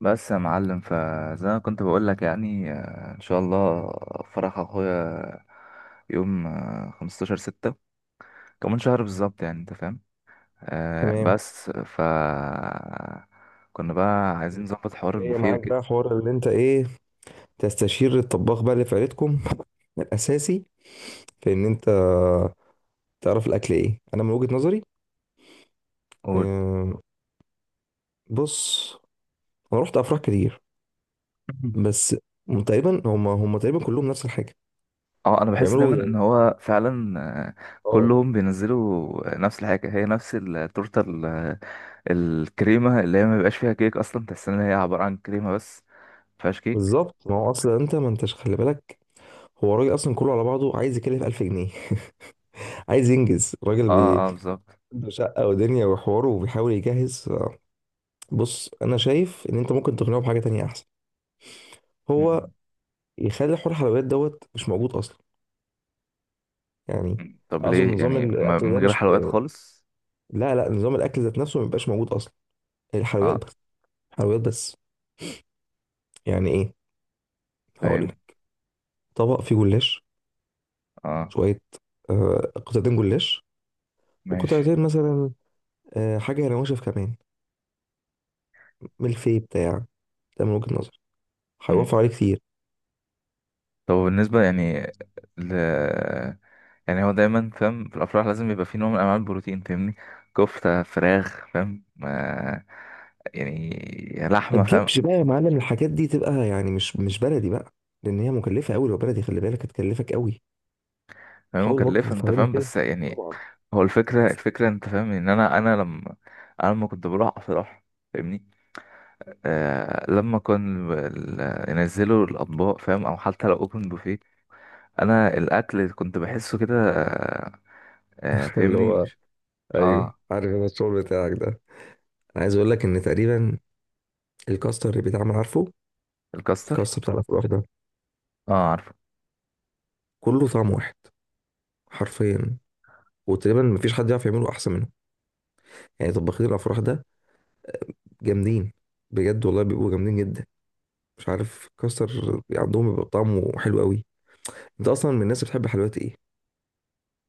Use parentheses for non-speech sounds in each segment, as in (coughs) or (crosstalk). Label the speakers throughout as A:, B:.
A: بس يا معلم فزي ما كنت بقول لك يعني ان شاء الله فرح اخويا يوم 15 ستة، كمان شهر بالظبط، يعني انت فاهم.
B: تمام.
A: بس ف كنا بقى عايزين نظبط حوار
B: جاية
A: البوفيه
B: معاك
A: وكده.
B: بقى حوار اللي انت ايه، تستشير الطباخ بقى اللي في عيلتكم (laughs) الاساسي في ان انت تعرف الاكل ايه. انا من وجهة نظري،
A: قول.
B: آم، بص، انا رحت افراح كتير،
A: (coughs)
B: بس تقريبا هم تقريبا كلهم نفس الحاجه
A: اه، انا بحس
B: بيعملوا
A: دايما
B: يعني.
A: ان هو فعلا آه،
B: اه
A: كلهم بينزلوا نفس الحاجه، هي نفس التورته الكريمه اللي هي ما بيبقاش فيها كيك اصلا، تحس ان هي عباره عن كريمه بس، ما فيهاش كيك.
B: بالظبط، ما هو اصلا انت ما انتش خلي بالك، هو الراجل اصلا كله على بعضه عايز يكلف 1000 جنيه. (laughs) عايز ينجز الراجل
A: اه اه بالظبط.
B: عنده شقه ودنيا وحواره وبيحاول يجهز. بص، انا شايف ان انت ممكن تقنعه بحاجه تانية احسن. هو يخلي حوار الحلويات دوت مش موجود اصلا يعني.
A: طب
B: اقصد
A: ليه
B: نظام
A: يعني؟ ما
B: الاكل
A: من
B: ده
A: غير
B: مش
A: حلويات خالص.
B: لا لا، نظام الاكل ذات نفسه ما بيبقاش موجود اصلا، هي الحلويات
A: اه
B: بس. حلويات بس، يعني ايه؟ هقول
A: فاهم.
B: لك طبق فيه جلاش،
A: اه
B: شويه، قطعتين جلاش،
A: ماشي.
B: وقطعتين مثلا حاجه نواشف كمان، ملفي بتاع. ده من وجهه نظر هيوفر
A: مم.
B: عليه كتير.
A: طب بالنسبة يعني ل... يعني هو دايما فاهم، في الأفراح لازم يبقى في نوع من أنواع البروتين، فاهمني؟ كفتة، فراخ، فاهم؟ آه، يعني
B: ما
A: لحمة، فاهم.
B: تجيبش بقى يا معلم الحاجات دي، تبقى يعني مش بلدي بقى، لان هي مكلفه قوي. لو بلدي خلي بالك هتكلفك قوي.
A: فاهم
B: حاول برضه
A: مكلفة، أنت
B: تفهمني
A: فاهم،
B: كده،
A: بس يعني
B: طبعا.
A: هو الفكرة، الفكرة أنت فاهم، إن أنا لما، أنا لما كنت بروح أفراح، فاهمني؟ آه، لما كان ينزلوا الأطباق، فاهم؟ أو حتى لو أوبن بوفيه، انا الاكل كنت بحسه كده
B: (laughs) اللي
A: فاهمني،
B: هو
A: مش.
B: ايوه،
A: اه،
B: عارف انا الشغل بتاعك ده. انا عايز اقول لك ان تقريبا الكاستر اللي بيتعمل، عارفه؟
A: الكاستر.
B: الكاستر بتاع الافراح ده
A: اه عارفه.
B: كله طعم واحد حرفيا، وتقريبا مفيش حد يعرف يعمله احسن منه. يعني طباخين الافراح ده جامدين، بجد والله بيبقوا جامدين جدا. مش عارف الكاستر عندهم بيبقى طعمه حلو قوي. انت اصلا من الناس اللي بتحب حلويات ايه؟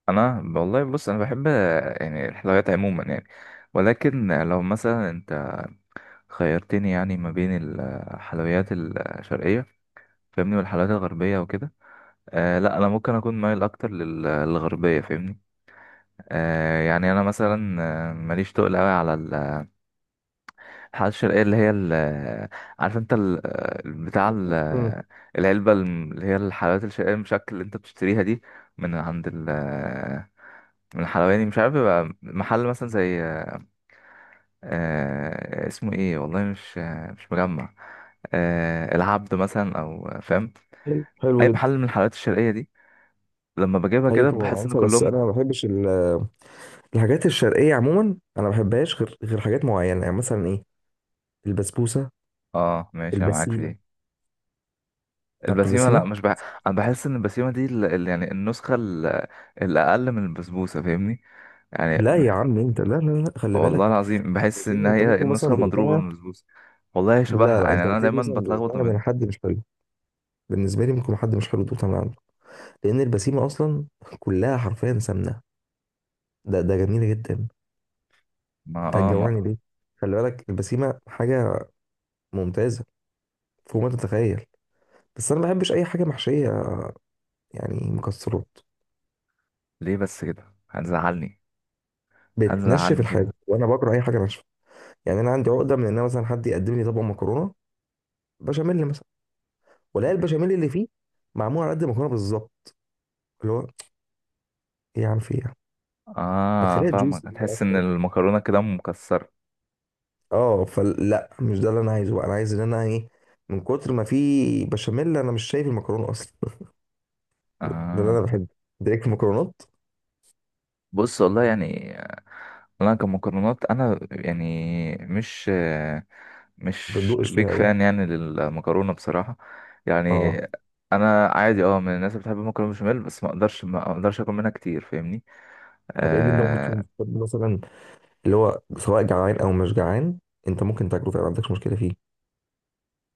A: انا والله بص، انا بحب يعني الحلويات عموما، يعني، ولكن لو مثلا انت خيرتني يعني ما بين الحلويات الشرقيه، فاهمني، والحلويات الغربيه وكده، آه لا، انا ممكن اكون مايل اكتر للغربيه، فاهمني. آه يعني انا مثلا ماليش تقل قوي على الحلقات الشرقية، اللي هي ال، عارف انت ال، بتاع ال،
B: امم
A: العلبة اللي هي الحلويات الشرقية المشكل اللي انت بتشتريها دي، من عند ال، من الحلواني، مش عارف بيبقى محل مثلا زي اسمه ايه، والله مش مجمع، العبد مثلا، او فاهم،
B: حلو، حلو
A: اي
B: جدا.
A: محل من الحلويات الشرقية دي، لما بجيبها
B: ايوه
A: كده
B: طبعا
A: بحس ان
B: عارفها، بس
A: كلهم.
B: انا ما بحبش الحاجات الشرقيه عموما، انا ما بحبهاش غير حاجات معينه يعني، مثلا ايه، البسبوسه،
A: اه ماشي، انا معاك في
B: البسيمه.
A: دي.
B: عارف
A: البسيمة، لا،
B: البسيمه؟
A: مش بح... انا بحس ان البسيمة دي يعني النسخة الأقل من البسبوسة، فاهمني يعني.
B: لا يا عم انت، لا لا لا، خلي
A: والله
B: بالك،
A: العظيم بحس ان
B: الهزيمه انت
A: هي
B: ممكن مثلا
A: النسخه المضروبه
B: دقتها،
A: من البسبوسه. والله هي
B: لا
A: شبهها،
B: لا،
A: يعني
B: انت
A: انا
B: هتلاقيك
A: دايما
B: مثلا
A: بتلخبط ما
B: دقتها من
A: بينهم.
B: حد مش حلو. بالنسبه لي ممكن حد مش حلو دقتها من عنده، لان البسيمه اصلا كلها حرفيا سمنه. ده جميله جدا.
A: ما
B: انت
A: اه
B: هتجوعني
A: ما
B: ليه؟ خلي بالك البسيمه حاجه ممتازه فوق ما تتخيل. بس انا ما بحبش اي حاجه محشيه، يعني مكسرات،
A: ليه بس كده، هتزعلني.
B: بتنشف
A: هتزعلني كده.
B: الحاجه وانا بكره اي حاجه ناشفه. يعني انا عندي عقده من ان أنا مثلا حد يقدم لي طبق مكرونه بشاميل مثلا، ولا
A: ماشي.
B: البشاميل اللي فيه معمول على قد المكرونه بالظبط، اللي هو ايه عن في إيه؟ ما
A: اه
B: تخليها
A: فاهمك،
B: جوسي كده
A: هتحس ان
B: اكتر.
A: المكرونه كده مكسره.
B: اه فلا، مش ده اللي انا عايزه بقى، انا عايز ان انا ايه، من كتر ما في بشاميل انا مش شايف المكرونه اصلا. (laughs) ده اللي
A: اه
B: انا بحب، دايركت المكرونات.
A: بص والله يعني انا كمكرونات انا، يعني مش
B: ما
A: مش
B: بندقش فيها
A: بيك
B: قوي،
A: فان يعني للمكرونه بصراحه، يعني.
B: اه.
A: انا عادي، اه، من الناس اللي بتحب المكرونه بشاميل، بس ما اقدرش اكل منها كتير، فاهمني؟
B: طب ايه اللي انت ممكن تكون
A: آه.
B: بتحب مثلا، اللي هو سواء جعان او مش جعان انت ممكن تاكله فعلا ما عندكش مشكله فيه؟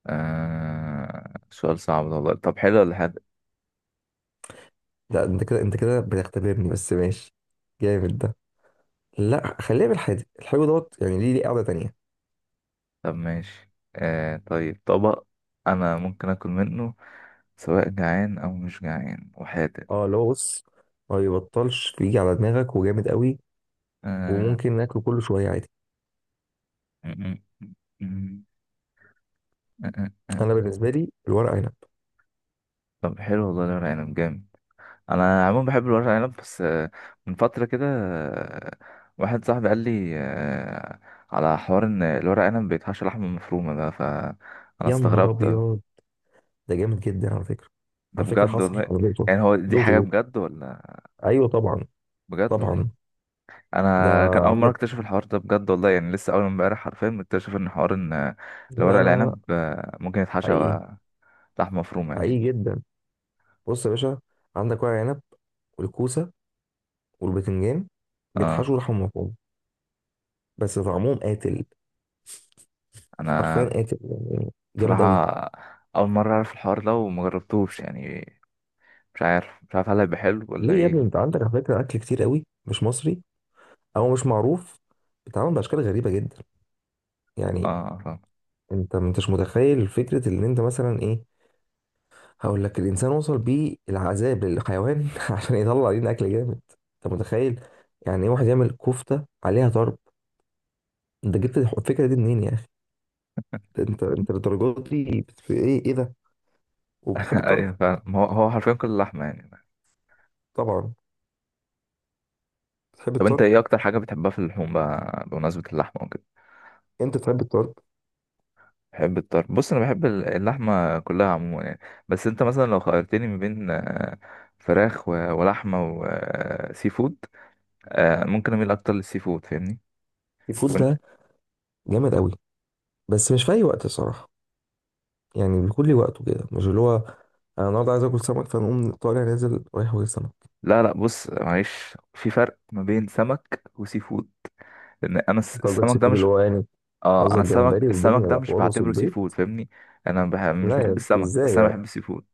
A: آه، سؤال صعب ده والله. طب، حلو ولا حادق؟
B: لا انت كده، انت كده بتختبرني، بس ماشي، جامد ده. لا خليها بالحادق، الحلو دوت يعني ليه، ليه قاعده تانيه.
A: طب ماشي. آه طيب، طبق أنا ممكن آكل منه سواء جعان أو مش جعان، وحادق.
B: اه اللي هو بص، ما يبطلش بيجي على دماغك وجامد قوي،
A: آه
B: وممكن ناكله كل شويه عادي.
A: م- م- م- م-
B: انا
A: م-
B: بالنسبه لي الورق عنب.
A: طب حلو والله، الورق عنب جامد. أنا عموما بحب الورق عنب، بس من فترة كده واحد صاحبي قال لي آه، على حوار إن الورق عنب بيتحشى لحمة مفرومة، ده فأنا
B: يا نهار
A: استغربت.
B: ابيض، ده جامد جدا على فكره.
A: ده
B: على فكره
A: بجد
B: حصل
A: والله؟
B: انا دقته،
A: يعني هو دي حاجة
B: دقته ده.
A: بجد ولا؟
B: ايوه طبعا،
A: بجد والله،
B: طبعا. ده
A: انا كان اول مره
B: عندك،
A: اكتشف الحوار ده، بجد والله، يعني لسه اول امبارح حرفيا مكتشف ان حوار ان
B: لا
A: الورق
B: لا لا،
A: العنب ممكن يتحشى
B: حقيقي،
A: لحمه مفرومه، يعني.
B: حقيقي جدا. بص يا باشا، عندك ورق عنب والكوسه والبتنجان بيتحشوا
A: اه.
B: لحم مفروم، بس طعمهم قاتل،
A: انا
B: حرفيا قاتل، يعني جامد
A: بصراحه
B: قوي.
A: اول مره اعرف الحوار ده، وما جربتوش يعني. مش عارف، مش عارف، هل هيبقى حلو ولا
B: ليه يا ابني،
A: ايه.
B: انت عندك على فكره اكل كتير قوي مش مصري او مش معروف، بيتعمل باشكال غريبه جدا يعني.
A: اه فاهم.
B: انت ما انتش متخيل فكره ان انت مثلا ايه، هقول لك، الانسان وصل بيه العذاب للحيوان (laughs) عشان يطلع لنا اكل جامد. انت متخيل يعني ايه واحد يعمل كفته عليها طرب؟ انت جبت الفكره دي منين يا اخي؟ انت، انت للدرجه دي في ايه، ايه ده؟ وبتحب
A: (laughs)
B: الطرب،
A: ايوه فاهم، هو هو حرفيا كل اللحمه، يعني.
B: طبعا، بتحب
A: طب انت
B: الطرب،
A: ايه اكتر حاجه بتحبها في اللحوم بقى بمناسبه اللحمه؟
B: انت بتحب الطرب.
A: بحب الطرب. بص، انا بحب اللحمه كلها عموما، يعني، بس انت مثلا لو خيرتني ما بين فراخ ولحمه وسي فود، ممكن اميل اكتر للسي فود، فاهمني؟
B: الفود
A: وإن-
B: ده جامد قوي، بس مش في اي وقت الصراحه. يعني بكل وقته كده مش اللي هو، انا النهارده عايز اكل سمك فنقوم طالع نازل رايح واكل سمك.
A: لا لا، بص معلش، في فرق ما بين سمك وسي فود، لان انا
B: انت قصدك سي
A: السمك ده
B: فود اللي
A: مش.
B: هو يعني،
A: اه، انا
B: قصدك
A: السمك،
B: جمبري
A: السمك
B: والدنيا
A: ده مش
B: وحوار
A: بعتبره سي فود،
B: وصبيط؟
A: فاهمني. مش
B: لا
A: بحب
B: يا
A: السمك، بس
B: ازاي
A: انا
B: يعني؟
A: بحب السي فود.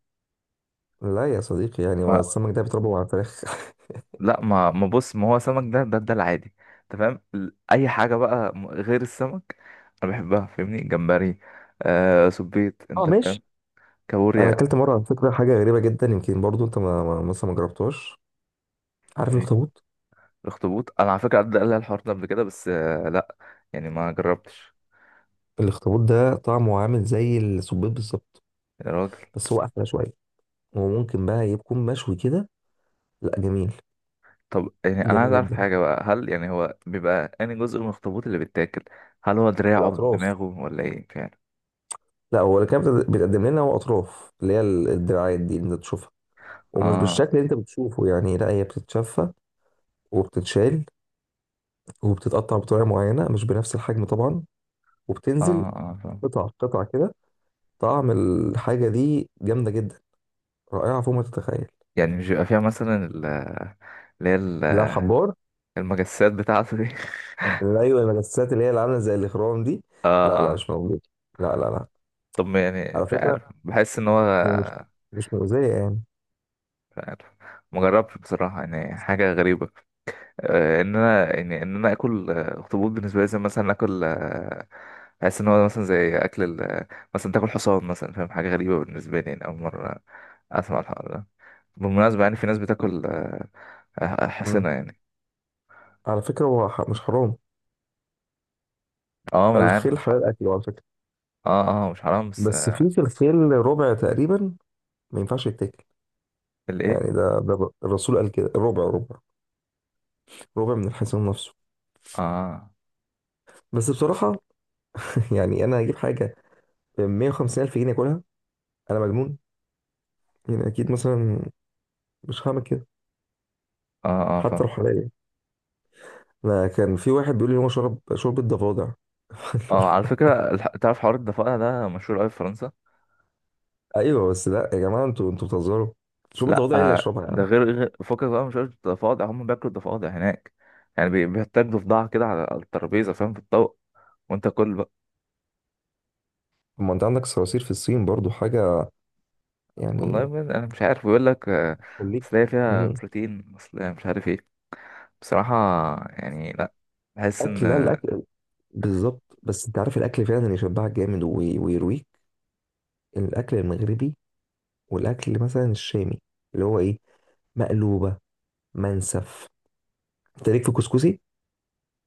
B: لا يا صديقي يعني، هو السمك ده بيتربى على الفراخ.
A: لا ما بص، ما هو سمك ده، ده ده العادي، انت فاهم، اي حاجه بقى غير السمك انا بحبها، فاهمني؟ جمبري، آه، سبيط،
B: (laughs) اه
A: انت فاهم،
B: ماشي. انا
A: كابوريا.
B: اكلت مره على فكره حاجه غريبه جدا، يمكن برضو انت مثلا ما جربتهاش. عارف
A: ايه؟
B: الاخطبوط؟
A: الاخطبوط. انا على فكره عدى قال لي الحوار ده قبل كده، بس آه لا، يعني ما جربتش.
B: الاخطبوط ده طعمه عامل زي السبيط بالظبط،
A: يا راجل.
B: بس هو احلى شويه، وممكن بقى يكون مشوي كده. لا جميل،
A: طب يعني انا عايز
B: جميل
A: اعرف
B: جدا.
A: حاجه بقى، هل يعني هو بيبقى انهي جزء من الاخطبوط اللي بيتاكل؟ هل هو دراعه،
B: بالاطراف،
A: دماغه، ولا ايه فعلا؟
B: لا هو اللي كان بيتقدم لنا هو اطراف، اللي هي الدراعات دي اللي انت تشوفها. ومش
A: اه
B: بالشكل اللي انت بتشوفه يعني، لا هي بتتشفى وبتتشال وبتتقطع بطريقه معينه مش بنفس الحجم طبعا،
A: اه
B: وبتنزل
A: اه فاهم.
B: قطع قطع كده. طعم الحاجة دي جامدة جدا، رائعة فوق ما تتخيل.
A: يعني مش بيبقى فيها مثلا اللي هي ال-
B: لا حبار،
A: المجسات بتاعته دي؟ (laughs)
B: لا أيوة، المجسات اللي هي اللي عاملة زي الإخرام دي،
A: اه
B: لا
A: اه.
B: لا مش موجودة، لا لا لا.
A: طب ما، يعني
B: على
A: مش
B: فكرة
A: عارف، بحس ان هو.
B: هو مش مؤذية يعني.
A: مش عارف، مجربتش بصراحة، يعني حاجة غريبة آه، ان انا يعني ان انا اكل اخطبوط، بالنسبة لي زي مثلا اكل بحس ان هو مثلا زي اكل مثلا تاكل حصان مثلا، فاهم؟ حاجة غريبة بالنسبة لي، يعني اول مرة اسمع الحوار ده. بالمناسبة يعني في ناس بتاكل
B: مم.
A: حصنة يعني.
B: على فكرة هو مش حرام،
A: اه ما انا عارف
B: الخيل
A: مش
B: حلال
A: حرام.
B: أكله على فكرة.
A: اه اه مش حرام، بس
B: بس في في الخيل ربع تقريبا ما ينفعش يتاكل،
A: الايه؟
B: يعني ده الرسول قال كده، ربع، ربع ربع من الحصان نفسه.
A: اه
B: بس بصراحة (laughs) يعني أنا هجيب حاجة ب 150 ألف جنيه أكلها؟ أنا مجنون يعني؟ أكيد مثلا مش هعمل كده،
A: اه اه
B: حتى
A: فاهم.
B: روحانيا. انا كان في واحد بيقول لي هو شرب شوربه ضفادع.
A: اه، على
B: (laughs)
A: فكرة تعرف حوار الضفادع ده مشهور قوي في فرنسا.
B: ايوه بس لا يا جماعه، انتوا بتهزروا، شوربه
A: لا
B: ضفادع ايه اللي اشربها يا
A: ده
B: عم؟
A: فكك بقى، مش قصدي ضفادع، هم بياكلوا الضفادع هناك يعني، بيحتاجوا ضفدعة كده على على الترابيزة، فاهم؟ في الطوق وانت كل بقى.
B: طب ما انت عندك صراصير في الصين برضو حاجه
A: والله
B: يعني.
A: ما- انا مش عارف، بيقول لك
B: خليك.
A: اصل هي فيها
B: امم
A: بروتين، اصل هي مش عارف ايه. بصراحة يعني لا، بحس ان.
B: اكل، لا الاكل بالظبط. بس انت عارف الاكل فعلا اللي يشبعك جامد ويرويك، الاكل المغربي، والاكل مثلا الشامي، اللي هو ايه، مقلوبه، منسف، انت ليك في كسكسي.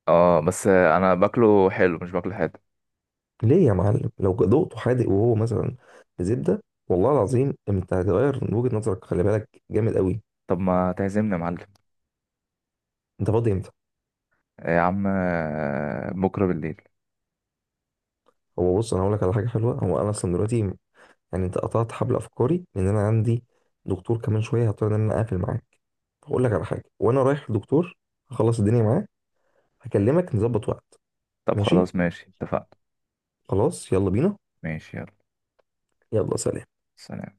A: اه بس انا باكله حلو مش باكله حادق.
B: ليه يا معلم، لو ذوقته حادق وهو مثلا بزبده، والله العظيم انت هتغير من وجهه نظرك، خلي بالك جامد قوي.
A: طب ما تعزمني يا معلم.
B: انت فاضي امتى؟
A: يا عم بكرة بالليل.
B: هو بص، انا هقول لك على حاجه حلوه، هو انا اصلا دلوقتي يعني، انت قطعت حبل افكاري، لان انا عندي دكتور كمان شويه، هضطر ان انا اقفل معاك. هقول لك على حاجه وانا رايح للدكتور، هخلص الدنيا معاه، هكلمك نظبط وقت.
A: طب
B: ماشي،
A: خلاص ماشي، اتفقنا.
B: خلاص يلا بينا.
A: ماشي يلا،
B: يلا سلام.
A: سلام.